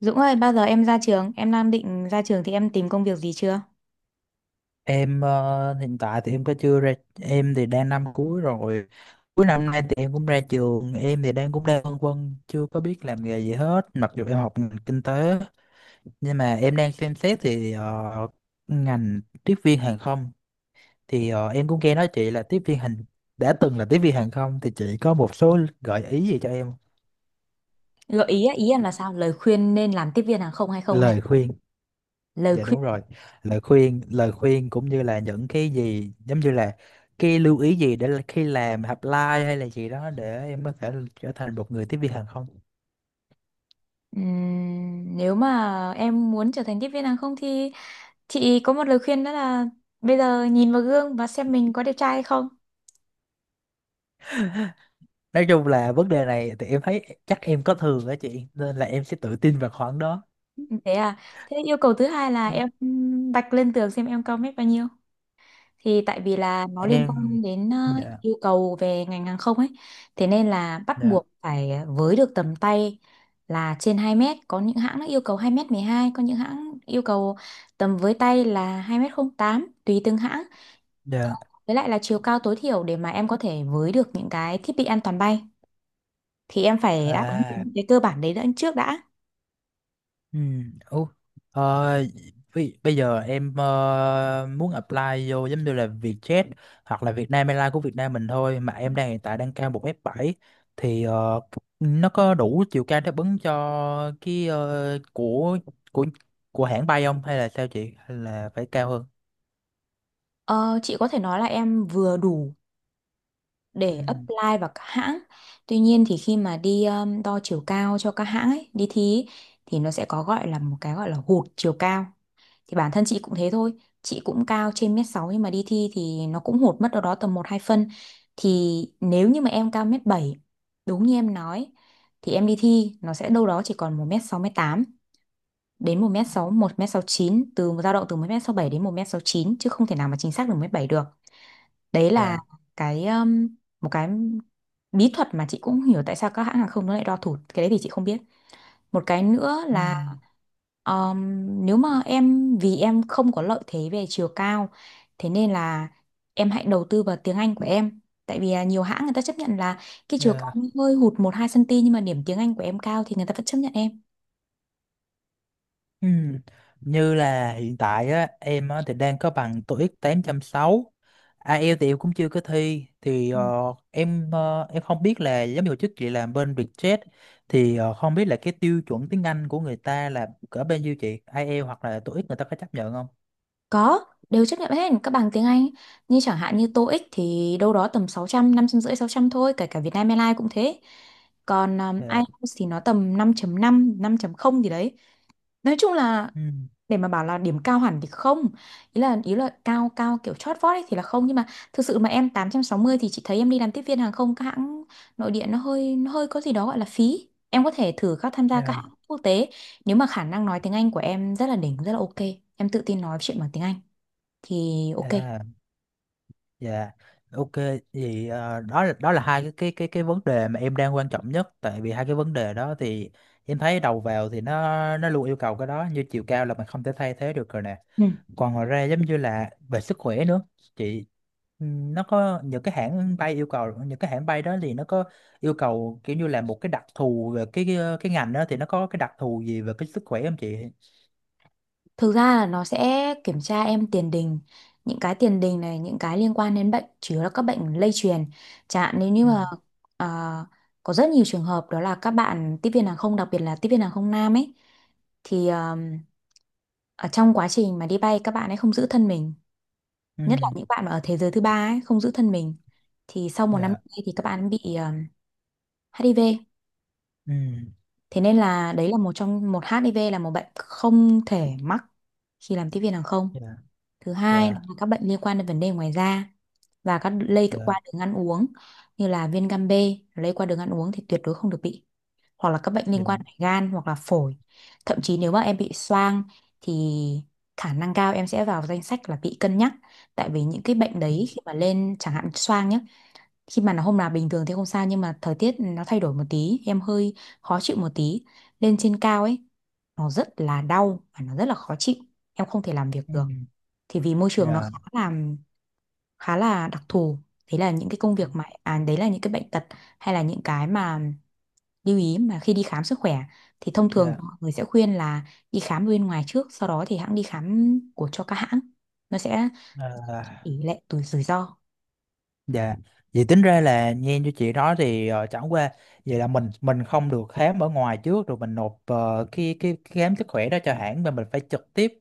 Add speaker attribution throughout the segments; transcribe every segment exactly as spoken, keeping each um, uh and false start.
Speaker 1: Dũng ơi, bao giờ em ra trường? Em đang định ra trường thì em tìm công việc gì chưa?
Speaker 2: Em ờ, hiện tại thì em có chưa ra. Em thì đang năm cuối rồi, cuối năm nay thì em cũng ra trường. Em thì đang cũng đang phân vân, chưa có biết làm nghề gì hết, mặc dù em học ngành kinh tế nhưng mà em đang xem xét thì ờ, ngành tiếp viên hàng không. Thì ờ, em cũng nghe nói chị là tiếp viên hàng đã từng là tiếp viên hàng không, thì chị có một số gợi ý gì cho em?
Speaker 1: Gợi ý á, ý em là sao? Lời khuyên nên làm tiếp viên hàng không hay không, hay là
Speaker 2: Lời khuyên.
Speaker 1: lời
Speaker 2: Dạ
Speaker 1: khuyên.
Speaker 2: đúng rồi. Lời khuyên, lời khuyên, cũng như là những cái gì giống như là cái lưu ý gì để là khi làm apply hay là gì đó để em có thể trở thành một người tiếp viên hàng không.
Speaker 1: Ừm, nếu mà em muốn trở thành tiếp viên hàng không thì chị có một lời khuyên đó là bây giờ nhìn vào gương và xem mình có đẹp trai hay không.
Speaker 2: Nói chung là vấn đề này thì em thấy chắc em có thường á chị, nên là em sẽ tự tin vào khoảng đó.
Speaker 1: Thế à? Thế yêu cầu thứ hai là
Speaker 2: Ờ,
Speaker 1: em vạch lên tường xem em cao mét bao nhiêu, thì tại vì là nó liên
Speaker 2: Em,
Speaker 1: quan đến ờ,
Speaker 2: dạ,
Speaker 1: yêu cầu về ngành hàng không ấy, thế nên là bắt
Speaker 2: dạ,
Speaker 1: buộc phải với được tầm tay là trên hai mét. Có những hãng nó yêu cầu hai mét mười hai, có những hãng yêu cầu tầm với tay là hai mét không tám tùy từng hãng.
Speaker 2: dạ,
Speaker 1: Với lại là chiều cao tối thiểu để mà em có thể với được những cái thiết bị an toàn bay thì em phải đáp ứng
Speaker 2: à,
Speaker 1: những cái cơ bản đấy đã, trước đã.
Speaker 2: Ừ. Ủa, ờ, bây, bây giờ em ờ, muốn apply vô giống như là Vietjet hoặc là Vietnam Airlines của Việt Nam mình thôi, mà em đang hiện tại đang cao một m bảy thì ờ, nó có đủ chiều cao đáp ứng cho cái ờ, của của của hãng bay không, hay là sao chị, hay là phải cao hơn?
Speaker 1: Ờ, chị có thể nói là em vừa đủ để
Speaker 2: Ừ.
Speaker 1: apply vào các hãng. Tuy nhiên thì khi mà đi um, đo chiều cao cho các hãng ấy, đi thi ấy, thì nó sẽ có gọi là một cái gọi là hụt chiều cao. Thì bản thân chị cũng thế thôi. Chị cũng cao trên mét sáu nhưng mà đi thi thì nó cũng hụt mất đâu đó tầm một hai phân. Thì nếu như mà em cao mét bảy, đúng như em nói, thì em đi thi nó sẽ đâu đó chỉ còn một mét sáu một tám đến một mét sáu một mét sáu chín, từ dao động từ một mét sáu bảy đến một mét sáu chín chứ không thể nào mà chính xác được một mét bảy được. Đấy là
Speaker 2: Dạ.
Speaker 1: cái um, một cái bí thuật mà chị cũng hiểu tại sao các hãng hàng không nó lại đo thụt, cái đấy thì chị không biết. Một cái nữa
Speaker 2: Ừ.
Speaker 1: là um, nếu mà em, vì em không có lợi thế về chiều cao, thế nên là em hãy đầu tư vào tiếng Anh của em. Tại vì à, nhiều hãng người ta chấp nhận là cái chiều cao
Speaker 2: Dạ.
Speaker 1: hơi hụt một hai xăng-ti-mét nhưng mà điểm tiếng Anh của em cao thì người ta vẫn chấp nhận em.
Speaker 2: Ừ. Như là hiện tại á, em á, thì đang có bằng toiếc tám sáu không, ai eo thì em cũng chưa có thi. Thì
Speaker 1: Ừ.
Speaker 2: ờ, em ờ, em không biết là giống như hồi trước chị làm bên Vietjet thì ờ, không biết là cái tiêu chuẩn tiếng Anh của người ta là cỡ bên nhiêu chị, ai eo hoặc là toiếc người ta có chấp nhận không?
Speaker 1: Có, đều chấp nhận hết, các bằng tiếng Anh. Như chẳng hạn như TOEIC thì đâu đó tầm sáu trăm trăm năm trăm rưỡi sáu trăm thôi, kể cả Vietnam Airlines cũng thế. Còn um,
Speaker 2: Dạ.
Speaker 1: IELTS thì nó tầm năm chấm năm 5 không gì đấy. Nói chung là
Speaker 2: Ừ.
Speaker 1: để mà bảo là điểm cao hẳn thì không. Ý là ý là cao cao kiểu chót vót ấy thì là không, nhưng mà thực sự mà em tám trăm sáu mươi thì chị thấy em đi làm tiếp viên hàng không các hãng nội địa nó hơi nó hơi có gì đó gọi là phí. Em có thể thử các tham gia các hãng
Speaker 2: Dạ.
Speaker 1: quốc tế nếu mà khả năng nói tiếng Anh của em rất là đỉnh, rất là ok. Em tự tin nói chuyện bằng tiếng Anh thì ok.
Speaker 2: Dạ. Dạ, ok. Thì ờ, đó là đó là hai cái cái cái cái vấn đề mà em đang quan trọng nhất. Tại vì hai cái vấn đề đó thì em thấy đầu vào thì nó nó luôn yêu cầu cái đó, như chiều cao là mình không thể thay thế được rồi nè.
Speaker 1: Ừ.
Speaker 2: Còn ngoài ra giống như là về sức khỏe nữa. Chị, ừm, nó có những cái hãng bay yêu cầu, những cái hãng bay đó thì nó có yêu cầu kiểu như là một cái đặc thù về cái cái, cái ngành đó, thì nó có cái đặc thù gì về cái sức khỏe không chị?
Speaker 1: Thực ra là nó sẽ kiểm tra em tiền đình, những cái tiền đình này, những cái liên quan đến bệnh chủ yếu là các bệnh lây truyền. Chẳng hạn nếu như
Speaker 2: Ừ.
Speaker 1: mà à, có rất nhiều trường hợp đó là các bạn tiếp viên hàng không, đặc biệt là tiếp viên hàng không nam ấy, thì um, ở trong quá trình mà đi bay các bạn ấy không giữ thân mình,
Speaker 2: Ừ.
Speaker 1: nhất là những bạn mà ở thế giới thứ ba ấy không giữ thân mình, thì sau một năm
Speaker 2: Dạ.
Speaker 1: nay thì các bạn bị um, hát i vê.
Speaker 2: Ừ.
Speaker 1: Thế nên là đấy là một trong một hát i vê là một bệnh không thể mắc khi làm tiếp viên hàng không.
Speaker 2: Dạ.
Speaker 1: Thứ hai là
Speaker 2: Dạ.
Speaker 1: các bệnh liên quan đến vấn đề ngoài da và các lây tự
Speaker 2: Dạ.
Speaker 1: qua đường ăn uống như là viêm gan B, lây qua đường ăn uống thì tuyệt đối không được bị, hoặc là các bệnh liên
Speaker 2: Dạ.
Speaker 1: quan đến gan hoặc là phổi. Thậm chí nếu mà em bị xoang thì khả năng cao em sẽ vào danh sách là bị cân nhắc, tại vì những cái bệnh
Speaker 2: Ừ.
Speaker 1: đấy khi mà lên, chẳng hạn xoang nhá, khi mà nó hôm nào bình thường thì không sao nhưng mà thời tiết nó thay đổi một tí em hơi khó chịu một tí, lên trên cao ấy nó rất là đau và nó rất là khó chịu, em không thể làm việc
Speaker 2: Ừ.
Speaker 1: được, thì vì môi trường nó
Speaker 2: Dạ.
Speaker 1: khá là khá là đặc thù. Đấy là những cái công việc mà à, đấy là những cái bệnh tật hay là những cái mà lưu ý mà khi đi khám sức khỏe, thì thông thường
Speaker 2: Dạ.
Speaker 1: mọi người sẽ khuyên là đi khám bên ngoài trước, sau đó thì hãng đi khám của cho các hãng nó sẽ
Speaker 2: À,
Speaker 1: tỷ lệ rủi rủi ro.
Speaker 2: dạ. Vậy tính ra là nghe như chị nói thì ờ, chẳng qua vậy là mình mình không được khám ở ngoài trước rồi mình nộp ờ, cái cái cái khám sức khỏe đó cho hãng, mà mình phải trực tiếp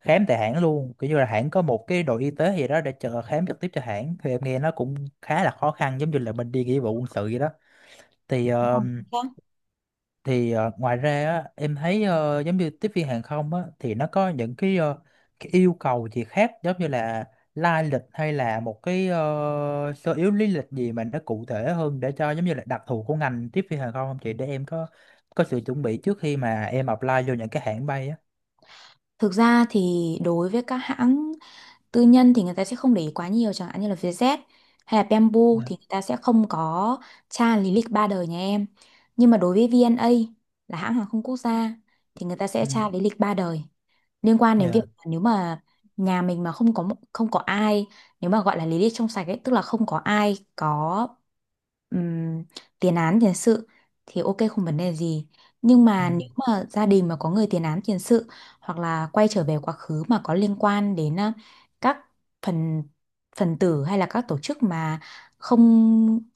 Speaker 2: khám tại hãng luôn, kiểu như là hãng có một cái đội y tế gì đó để chờ khám trực tiếp cho hãng. Thì em nghe nó cũng khá là khó khăn, giống như là mình đi nghĩa vụ quân sự vậy đó. thì thì ờ, ngoài ra á, em thấy ờ, giống như tiếp viên hàng không á, thì nó có những cái, ờ, cái yêu cầu gì khác, giống như là lai lịch hay là một cái ờ, sơ yếu lý lịch gì mà nó cụ thể hơn, để cho giống như là đặc thù của ngành tiếp viên hàng không không chị, để em có có sự chuẩn bị trước khi mà em apply vô những cái hãng bay á.
Speaker 1: Thực ra thì đối với các hãng tư nhân thì người ta sẽ không để ý quá nhiều chẳng hạn như là Vietjet hay là Bamboo
Speaker 2: Dạ.
Speaker 1: thì người ta sẽ không có tra lý lịch ba đời nhà em. Nhưng mà đối với vê en a là hãng hàng không quốc gia thì người ta sẽ
Speaker 2: Ừ.
Speaker 1: tra lý lịch ba đời liên quan đến việc,
Speaker 2: Dạ.
Speaker 1: nếu mà nhà mình mà không có một- không có ai, nếu mà gọi là lý lịch trong sạch ấy, tức là không có ai có ừm, tiền án tiền sự thì ok, không vấn đề gì, nhưng
Speaker 2: Ừ.
Speaker 1: mà nếu mà gia đình mà có người tiền án tiền sự hoặc là quay trở về quá khứ mà có liên quan đến ờ, các phần phần tử hay là các tổ chức mà không,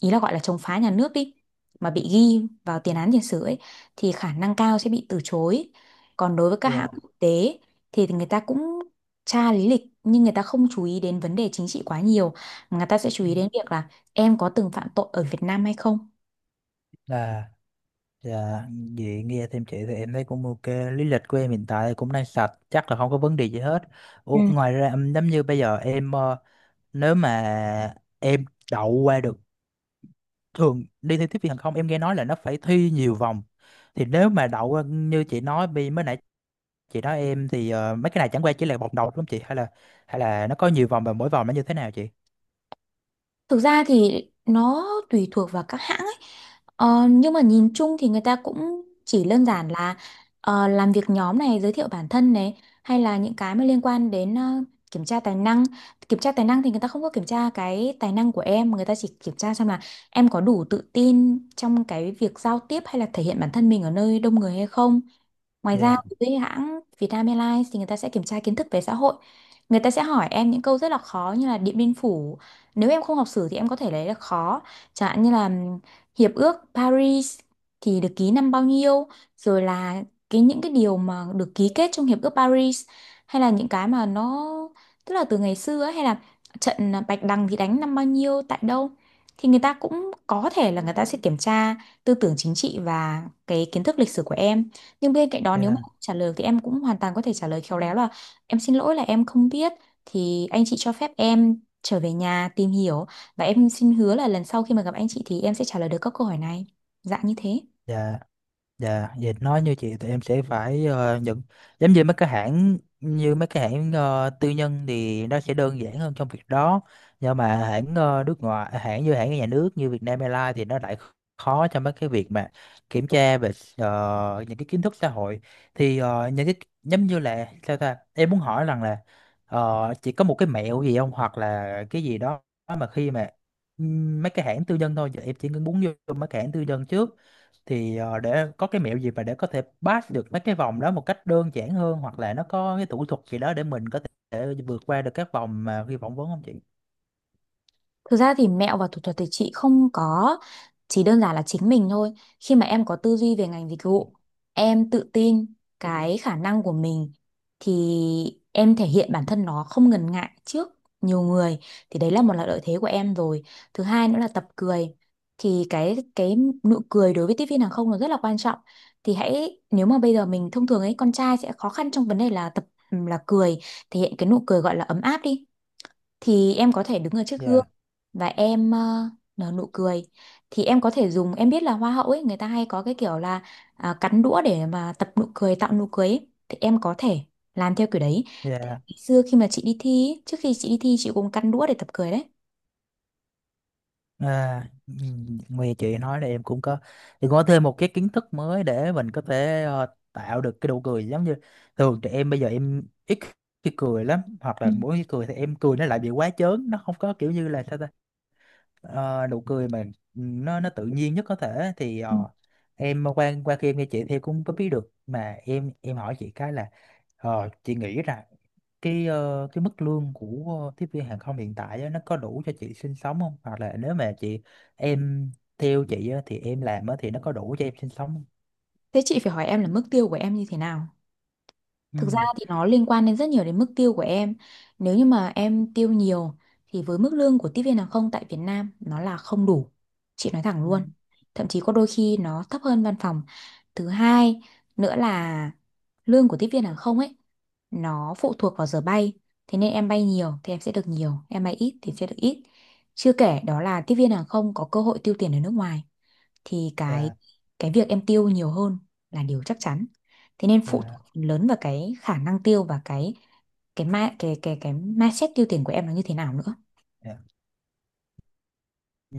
Speaker 1: ý là gọi là chống phá nhà nước đi, mà bị ghi vào tiền án tiền sử ấy thì khả năng cao sẽ bị từ chối. Còn đối với các hãng
Speaker 2: Dạ.
Speaker 1: quốc tế thì người ta cũng tra lý lịch nhưng người ta không chú ý đến vấn đề chính trị quá nhiều, mà người ta sẽ chú
Speaker 2: Ừ.
Speaker 1: ý đến việc là em có từng phạm tội ở Việt Nam hay không.
Speaker 2: Là, Dạ, vậy nghe thêm chị thì em thấy cũng ok. Lý lịch của em hiện tại cũng đang sạch, chắc là không có vấn đề gì hết.
Speaker 1: Ừ.
Speaker 2: Ủa, ngoài ra ừm, giống như bây giờ em ờ, nếu mà em đậu qua được, thường đi thi tiếp viên hàng không em nghe nói là nó phải thi nhiều vòng. Thì nếu mà đậu qua như chị nói bi- mới nãy chị nói em thì ờ, mấy cái này chẳng qua chỉ là vòng đầu đúng không chị? Hay là hay là nó có nhiều vòng, và mỗi vòng nó như thế nào chị?
Speaker 1: Thực ra thì nó tùy thuộc vào các hãng ấy. Ờ, nhưng mà nhìn chung thì người ta cũng chỉ đơn giản là ờ, làm việc nhóm này, giới thiệu bản thân này, hay là những cái mà liên quan đến ờ, kiểm tra tài năng. Kiểm tra tài năng thì người ta không có kiểm tra cái tài năng của em, người ta chỉ kiểm tra xem là em có đủ tự tin trong cái việc giao tiếp hay là thể hiện bản thân mình ở nơi đông người hay không. Ngoài ra
Speaker 2: Dạ,
Speaker 1: với hãng Vietnam Airlines thì người ta sẽ kiểm tra kiến thức về xã hội. Người ta sẽ hỏi em những câu rất là khó như là Điện Biên Phủ. Nếu em không học sử thì em có thể lấy là khó. Chẳng hạn như là ừm, Hiệp ước Paris thì được ký năm bao nhiêu, rồi là cái những cái điều mà được ký kết trong Hiệp ước Paris hay là những cái mà nó, tức là từ ngày xưa ấy, hay là trận Bạch Đằng thì đánh năm bao nhiêu tại đâu, thì người ta cũng có thể là người ta sẽ kiểm tra tư tưởng chính trị và cái kiến thức lịch sử của em. Nhưng bên cạnh đó nếu mà
Speaker 2: dạ,
Speaker 1: không trả lời thì em cũng hoàn toàn có thể trả lời khéo léo là em xin lỗi là em không biết, thì anh chị cho phép em trở về nhà tìm hiểu, và em xin hứa là lần sau khi mà gặp anh chị thì em sẽ trả lời được các câu hỏi này, dạng như thế.
Speaker 2: dạ. Dạ, vậy nói như chị thì em sẽ phải ờ, nhận, giống như mấy cái hãng như mấy cái hãng ờ, tư nhân thì nó sẽ đơn giản hơn trong việc đó, nhưng mà hãng ờ, nước ngoài à, hãng như hãng nhà nước như Vietnam Airlines thì nó lại khó trong mấy cái việc mà kiểm tra về ờ, những cái kiến thức xã hội. Thì ờ, những cái giống như là sao ta, em muốn hỏi rằng là ờ, chị có một cái mẹo gì không, hoặc là cái gì đó mà khi mà ừm, mấy cái hãng tư nhân thôi, giờ em chỉ muốn vô mấy cái hãng tư nhân trước thì ờ, để có cái mẹo gì mà để có thể pass được mấy cái vòng đó một cách đơn giản hơn, hoặc là nó có cái thủ thuật gì đó để mình có thể vượt qua được các vòng mà khi phỏng vấn không chị?
Speaker 1: Thực ra thì mẹo và thủ thuật thì chị không có, chỉ đơn giản là chính mình thôi. Khi mà em có tư duy về ngành dịch vụ, em tự tin cái khả năng của mình, thì em thể hiện bản thân nó không ngần ngại trước nhiều người, thì đấy là một là lợi thế của em rồi. Thứ hai nữa là tập cười. Thì cái cái nụ cười đối với tiếp viên hàng không nó rất là quan trọng. Thì hãy, nếu mà bây giờ mình thông thường ấy, con trai sẽ khó khăn trong vấn đề là tập là cười, thể hiện cái nụ cười gọi là ấm áp đi, thì em có thể đứng ở trước
Speaker 2: Dạ,
Speaker 1: gương và em ờ, nở nụ cười. Thì em có thể dùng, em biết là hoa hậu ấy người ta hay có cái kiểu là à, cắn đũa để mà tập nụ cười, tạo nụ cười ấy, thì em có thể làm theo kiểu đấy. Tại
Speaker 2: dạ.
Speaker 1: ngày xưa khi mà chị đi thi ấy, trước khi chị đi thi chị cũng cắn đũa để tập cười đấy.
Speaker 2: À, ừm, nghe chị nói là em cũng có thì có thêm một cái kiến thức mới để mình có thể ờ, tạo được cái nụ cười, giống như thường trẻ em bây giờ em ít khi cười lắm, hoặc
Speaker 1: Ừ.
Speaker 2: là mỗi khi cười thì em cười nó lại bị quá chớn, nó không có kiểu như là sao ta, ờ, nụ cười mà nó nó tự nhiên nhất có thể. Thì
Speaker 1: Ừ.
Speaker 2: ờ, em qua qua khi em nghe chị thì em cũng có biết được, mà em em hỏi chị cái là ờ, chị nghĩ rằng cái ờ, cái mức lương của ờ, tiếp viên hàng không hiện tại á, nó có đủ cho chị sinh sống không, hoặc là nếu mà chị em theo chị á, thì em làm á, thì nó có đủ cho em sinh sống không?
Speaker 1: Thế chị phải hỏi em là mức tiêu của em như thế nào. Thực ra
Speaker 2: Ừ.
Speaker 1: thì nó liên quan đến rất nhiều đến mức tiêu của em. Nếu như mà em tiêu nhiều thì với mức lương của tiếp viên hàng không tại Việt Nam nó là không đủ. Chị nói thẳng
Speaker 2: Ừ.
Speaker 1: luôn. Thậm chí có đôi khi nó thấp hơn văn phòng. Thứ hai nữa là lương của tiếp viên hàng không ấy nó phụ thuộc vào giờ bay. Thế nên em bay nhiều thì em sẽ được nhiều, em bay ít thì sẽ được ít. Chưa kể đó là tiếp viên hàng không có cơ hội tiêu tiền ở nước ngoài, thì cái
Speaker 2: Dạ,
Speaker 1: cái việc em tiêu nhiều hơn là điều chắc chắn, thế nên phụ thuộc
Speaker 2: dạ,
Speaker 1: phần lớn vào cái khả năng tiêu và cái cái ma cái cái cái mindset tiêu tiền của em là như thế nào nữa.
Speaker 2: dạ. Ừ.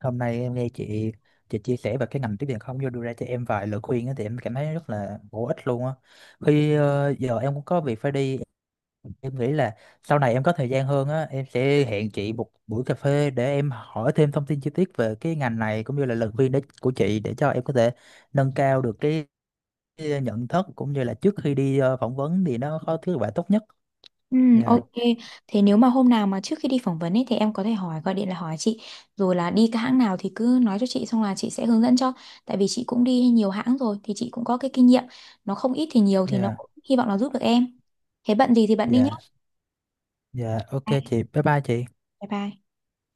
Speaker 2: Hôm nay em nghe chị chị chia sẻ về cái ngành tiếp viện không, vô đưa ra cho em vài lời khuyên á, thì em cảm thấy rất là bổ ích luôn á. Khi ờ, giờ em cũng có việc phải đi, em nghĩ là sau này em có thời gian hơn á, em sẽ hẹn chị một buổi cà phê để em hỏi thêm thông tin chi tiết về cái ngành này, cũng như là lời khuyên đấy của chị, để cho em có thể nâng cao được cái cái nhận thức, cũng như là trước khi đi ờ, phỏng vấn thì nó có thứ quả tốt nhất.
Speaker 1: Ừ,
Speaker 2: Dạ,
Speaker 1: ok. Thế nếu mà hôm nào mà trước khi đi phỏng vấn ấy thì em có thể hỏi, gọi điện là hỏi chị, rồi là đi cái hãng nào thì cứ nói cho chị, xong là chị sẽ hướng dẫn cho. Tại vì chị cũng đi nhiều hãng rồi thì chị cũng có cái kinh nghiệm. Nó không ít thì nhiều thì nó
Speaker 2: dạ,
Speaker 1: cũng hy vọng là giúp được em. Thế bận gì thì bận đi nhé.
Speaker 2: dạ, dạ, ok chị, bye bye chị.
Speaker 1: Bye bye.